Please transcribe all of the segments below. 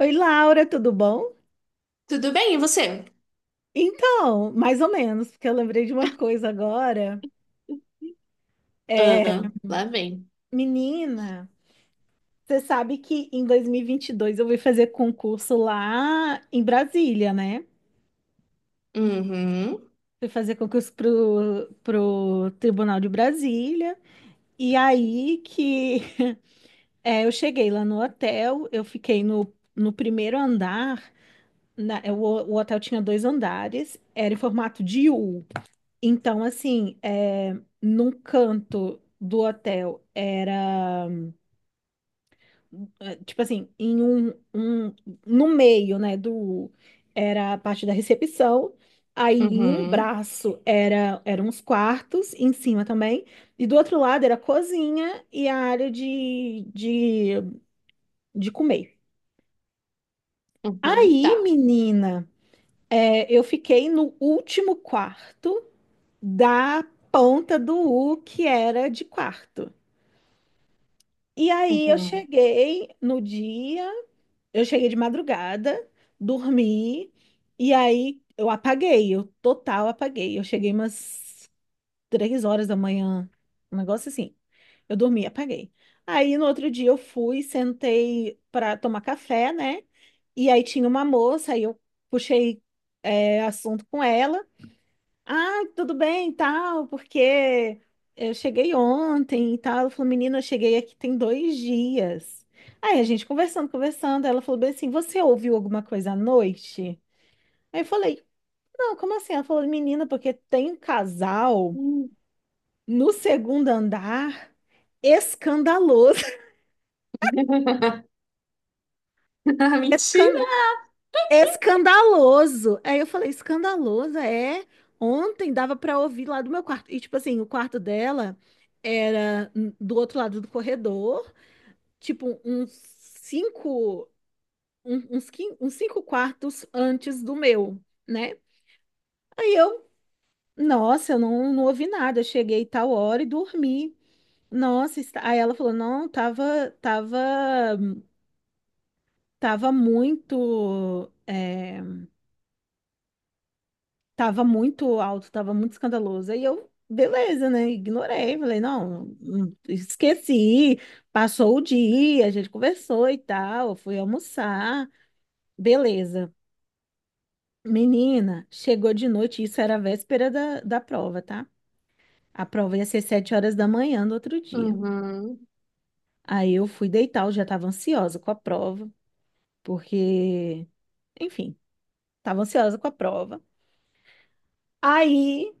Oi, Laura, tudo bom? Tudo bem, e você? Então, mais ou menos, porque eu lembrei de uma coisa agora. É, Ah, lá vem. Menina, você sabe que em 2022 eu fui fazer concurso lá em Brasília, né? Uhum, Fui fazer concurso pro Tribunal de Brasília. E aí que eu cheguei lá no hotel, eu fiquei no primeiro andar. O hotel tinha dois andares, era em formato de U. Então, assim, num canto do hotel era, tipo assim, um- no meio, né, era a parte da recepção, aí em um uhum, braço era, eram os quartos, em cima também, e do outro lado era a cozinha e a área de comer. uhum, Aí, tá. menina, eu fiquei no último quarto da ponta do U, que era de quarto. E aí eu Uhum. cheguei no dia, eu cheguei de madrugada, dormi, e aí eu apaguei, eu total apaguei. Eu cheguei umas 3 horas da manhã, um negócio assim. Eu dormi, e apaguei. Aí no outro dia eu fui, sentei para tomar café, né? E aí tinha uma moça, aí eu puxei assunto com ela. Ah, tudo bem, e tal, porque eu cheguei ontem e tal. Ela falou, menina, eu cheguei aqui tem dois dias. Aí a gente conversando, conversando, ela falou bem assim, você ouviu alguma coisa à noite? Aí eu falei, não, como assim? Ela falou, menina, porque tem um casal Hum. no segundo andar escandaloso, Ah, mentira! escandaloso. Aí eu falei, escandaloso, é. Ontem dava pra ouvir lá do meu quarto. E tipo assim, o quarto dela era do outro lado do corredor, tipo uns cinco, uns cinco quartos antes do meu, né? Aí eu, nossa, eu não, não ouvi nada. Eu cheguei tal hora e dormi. Nossa, aí ela falou, não, tava tava muito alto, tava muito escandaloso. Aí eu, beleza, né? Ignorei, falei, esqueci. Passou o dia, a gente conversou e tal, eu fui almoçar, beleza. Menina, chegou de noite, isso era a véspera da prova, tá? A prova ia ser 7 horas da manhã do outro dia. Uhum, Aí eu fui deitar, eu já tava ansiosa com a prova, porque, enfim, tava ansiosa com a prova. Aí.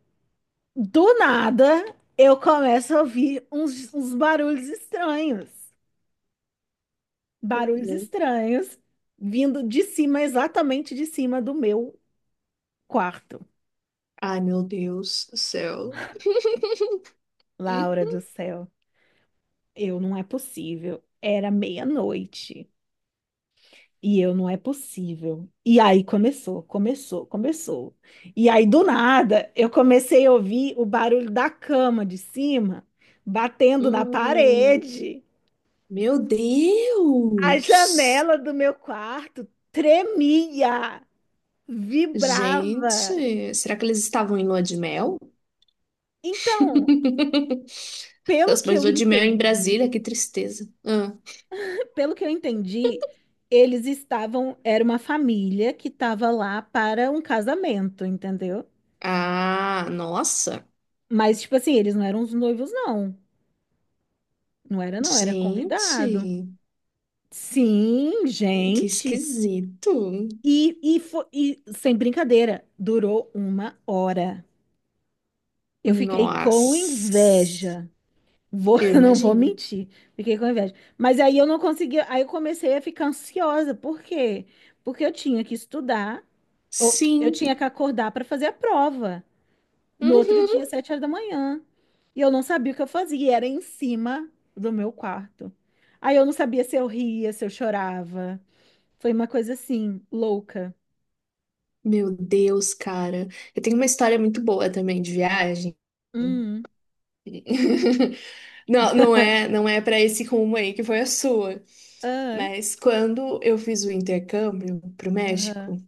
Do nada, eu começo a ouvir uns barulhos estranhos. Barulhos uhum. estranhos vindo de cima, exatamente de cima do meu quarto. Ai, meu Deus do céu. Laura do céu, eu não é possível. Era meia-noite e eu não é possível. E aí começou. E aí do nada, eu comecei a ouvir o barulho da cama de cima batendo na Hum, parede. meu A Deus! janela do meu quarto tremia, vibrava. Gente, será que eles estavam em lua de mel? Então, pelo Nossa, que mas eu lua de mel em Brasília, entendi, que tristeza. Ah, pelo que eu entendi, eles estavam, era uma família que estava lá para um casamento, entendeu? ah, nossa. Mas, tipo assim, eles não eram os noivos, não. Não era, não, era convidado. Gente, Sim, que gente. esquisito. E sem brincadeira, durou uma hora. Eu fiquei com Nossa, inveja. Vou, eu eu não vou imagino. mentir, fiquei com inveja. Mas aí eu não conseguia, aí eu comecei a ficar ansiosa. Por quê? Porque eu tinha que estudar, ou eu Sim. tinha que acordar para fazer a prova no outro dia, Uhum. 7 horas da manhã. E eu não sabia o que eu fazia, e era em cima do meu quarto. Aí eu não sabia se eu ria, se eu chorava. Foi uma coisa assim, louca. Meu Deus, cara. Eu tenho uma história muito boa também de viagem. Hum, Não, não é para esse rumo aí que foi a sua. ah, Mas quando eu fiz o intercâmbio pro México, aham,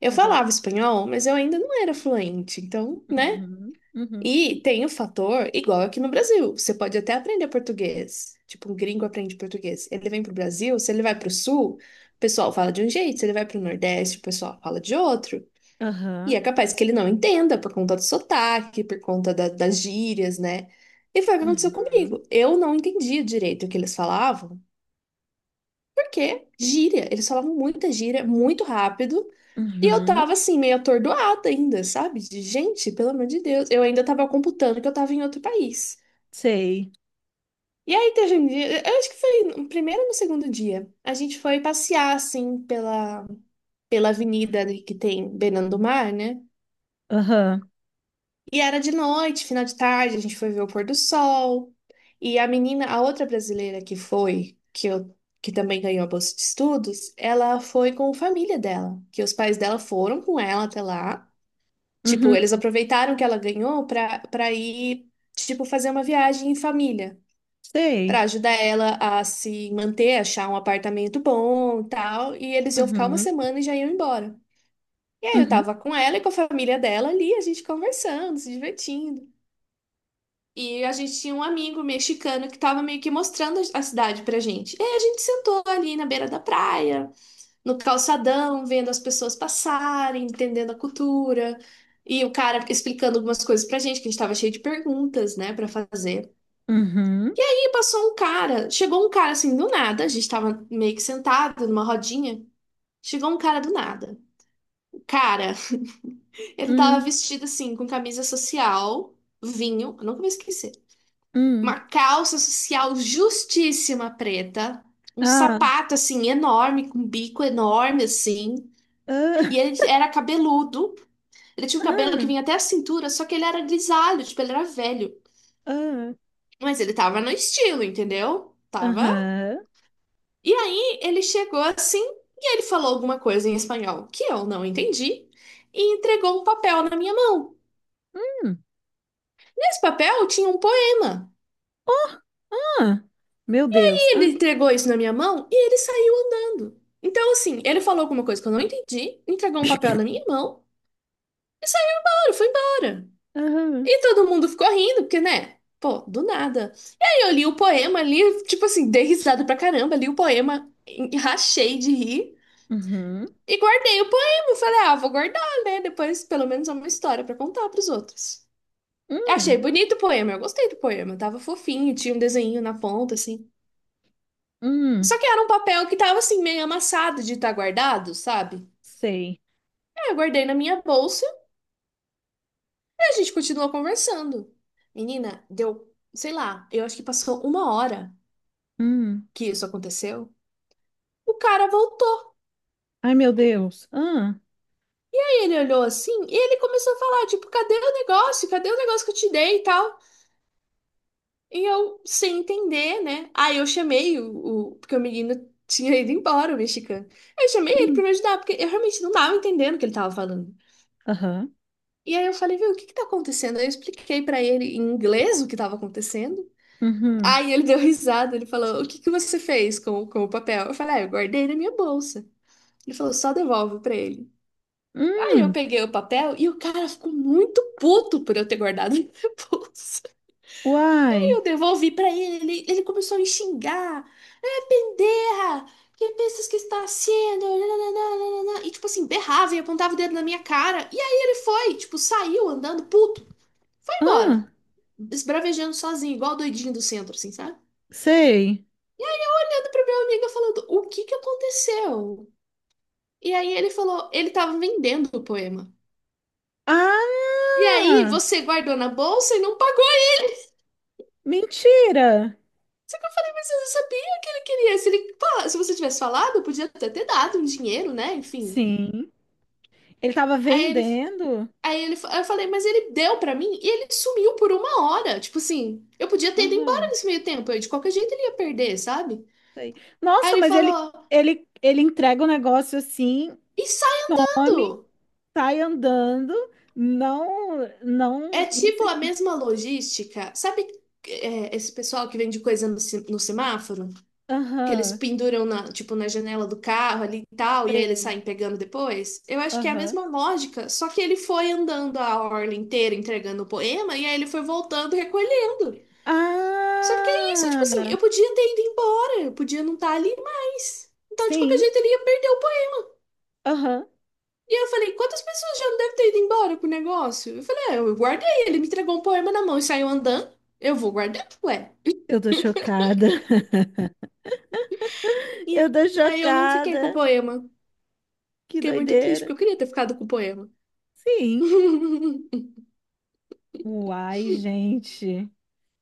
eu aham, falava espanhol, mas eu ainda não era fluente. Então, né? uhum, uhum, E tem o fator igual aqui no Brasil. Você pode até aprender português. Tipo, um gringo aprende português. Ele vem pro Brasil, se ele vai pro sul, o pessoal fala de um jeito. Se ele vai pro Nordeste, o pessoal fala de outro. E aham, é capaz que ele não entenda por conta do sotaque, por conta das gírias, né? E foi o que aconteceu uhum, comigo. Eu não entendia direito o que eles falavam, porque gíria. Eles falavam muita gíria, muito rápido. E eu uhum, tava assim, meio atordoada ainda, sabe? De gente, pelo amor de Deus. Eu ainda tava computando que eu tava em outro país. sei. E aí teve um dia, eu acho que foi no primeiro ou no segundo dia, a gente foi passear, assim, pela avenida ali que tem beirando do mar, né? Aham. E era de noite, final de tarde, a gente foi ver o pôr do sol. E a menina, a outra brasileira que foi, que também ganhou a bolsa de estudos, ela foi com a família dela, que os pais dela foram com ela até lá. Tipo, Uhum, eles aproveitaram que ela ganhou pra ir, tipo, fazer uma viagem em família, para sei. ajudar ela a se manter, achar um apartamento bom, e tal, e eles iam ficar uma Uhum, semana e já iam embora. E aí eu uhum, tava com ela e com a família dela ali, a gente conversando, se divertindo. E a gente tinha um amigo mexicano que tava meio que mostrando a cidade pra gente. E aí a gente sentou ali na beira da praia, no calçadão, vendo as pessoas passarem, entendendo a cultura. E o cara explicando algumas coisas pra gente, que a gente tava cheio de perguntas, né, pra fazer. uhum, Passou um cara, chegou um cara assim do nada, a gente tava meio que sentado numa rodinha, chegou um cara do nada. O cara, ele tava hum, vestido assim, com camisa social, vinho, eu nunca vou esquecer, uma hum. calça social justíssima preta, um Ah, sapato assim enorme, com bico enorme assim, ah, e ele era cabeludo, ele tinha um cabelo que ah, vinha até a cintura, só que ele era grisalho, tipo, ele era velho. ah, Mas ele tava no estilo, entendeu? Tava. aham. E aí ele chegou assim e ele falou alguma coisa em espanhol que eu não entendi e entregou um papel na minha mão. Hum, Nesse papel tinha um poema. oh, ah, meu Deus. E ele Ah, entregou isso na minha mão e ele saiu andando. Então, assim, ele falou alguma coisa que eu não entendi, entregou um papel na minha mão e saiu, foi embora. aham, E todo mundo ficou rindo, porque, né? Pô, do nada. E aí eu li o poema ali, tipo assim, dei risada pra caramba, li o poema, rachei de rir. uhum, E guardei o poema. Falei, ah, vou guardar, né? Depois, pelo menos, é uma história pra contar pros outros. Achei hum, bonito o poema, eu gostei do poema. Tava fofinho, tinha um desenho na ponta, assim. Só hum, que era um papel que tava, assim, meio amassado de estar guardado, sabe? sei. Aí eu guardei na minha bolsa e a gente continuou conversando. Menina, deu, sei lá, eu acho que passou uma hora Hum. que isso aconteceu. O cara voltou Ai, meu Deus. Ah, e ele olhou assim e ele começou a falar, tipo, cadê o negócio? Cadê o negócio que eu te dei e tal? E eu, sem entender, né? Aí eu chamei porque o menino tinha ido embora, o mexicano. Eu chamei ele pra hum, me ajudar, porque eu realmente não tava entendendo o que ele tava falando. aham, E aí eu falei, viu, o que que tá acontecendo? Aí eu expliquei pra ele em inglês o que tava acontecendo. uhum, Aí ele deu risada, ele falou, o que que você fez com o papel? Eu falei, ah, eu guardei na minha bolsa. Ele falou, só devolve pra ele. Aí eu hum, peguei o papel e o cara ficou muito puto por eu ter guardado na minha bolsa. Eu uai. devolvi pra ele, ele começou a me xingar. É, pendeja! Que pensas que está sendo? Nananana. E tipo assim, berrava e apontava o dedo na minha cara. E aí ele foi, tipo, saiu andando puto. Foi embora. Ah, Esbravejando sozinho, igual o doidinho do centro, assim, sabe? sei. Olhando pra minha amiga falando, o que que aconteceu? E aí ele falou, ele tava vendendo o poema. E aí Ah, você guardou na bolsa e não pagou, mentira. mas você não sabia o que ele queria. Se se você tivesse falado, podia até ter dado um dinheiro, né? Enfim. Sim. Ele tava Aí ele, vendendo. Aí eu falei, mas ele deu pra mim e ele sumiu por uma hora. Tipo assim, eu podia ter ido embora Aham, nesse meio tempo, eu, de qualquer jeito ele ia perder, sabe? sei. Aí Nossa, ele mas ele, falou, ele, ele entrega o negócio assim, some, ensaiando! sai andando, não, É não tipo se... a mesma logística, sabe? Esse pessoal que vende coisa no semáforo, que eles Aham, penduram na, tipo, na janela do carro ali e tal, e aí eles sei. saem pegando depois. Eu acho que é a Aham. mesma lógica, só que ele foi andando a orla inteira entregando o poema, e aí ele foi voltando recolhendo. Só que é isso, tipo assim, Ah, eu podia ter ido embora, eu podia não estar ali mais. Então, de qualquer sim, jeito, ele ia perder o poema. aham. E eu falei, quantas pessoas já não devem ter ido embora com o negócio? Eu falei, é, eu guardei, ele me entregou um poema na mão e saiu andando. Eu vou guardar, ué. Eu tô chocada. E Eu tô aí eu não fiquei com o chocada. poema. Que Fiquei muito triste, doideira. porque eu queria ter ficado com o poema. Sim. Uai, gente.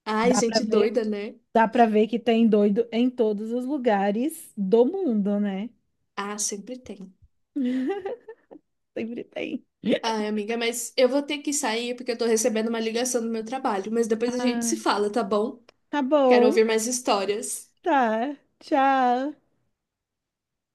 Ai, Dá pra gente ver, doida, né? dá pra ver que tem doido em todos os lugares do mundo, né? Ah, sempre tem. Sempre tem. Ai, amiga, mas eu vou ter que sair porque eu tô recebendo uma ligação do meu trabalho. Mas depois a gente se Ah, fala, tá bom? tá Quero bom, ouvir mais histórias. tá. Tchau.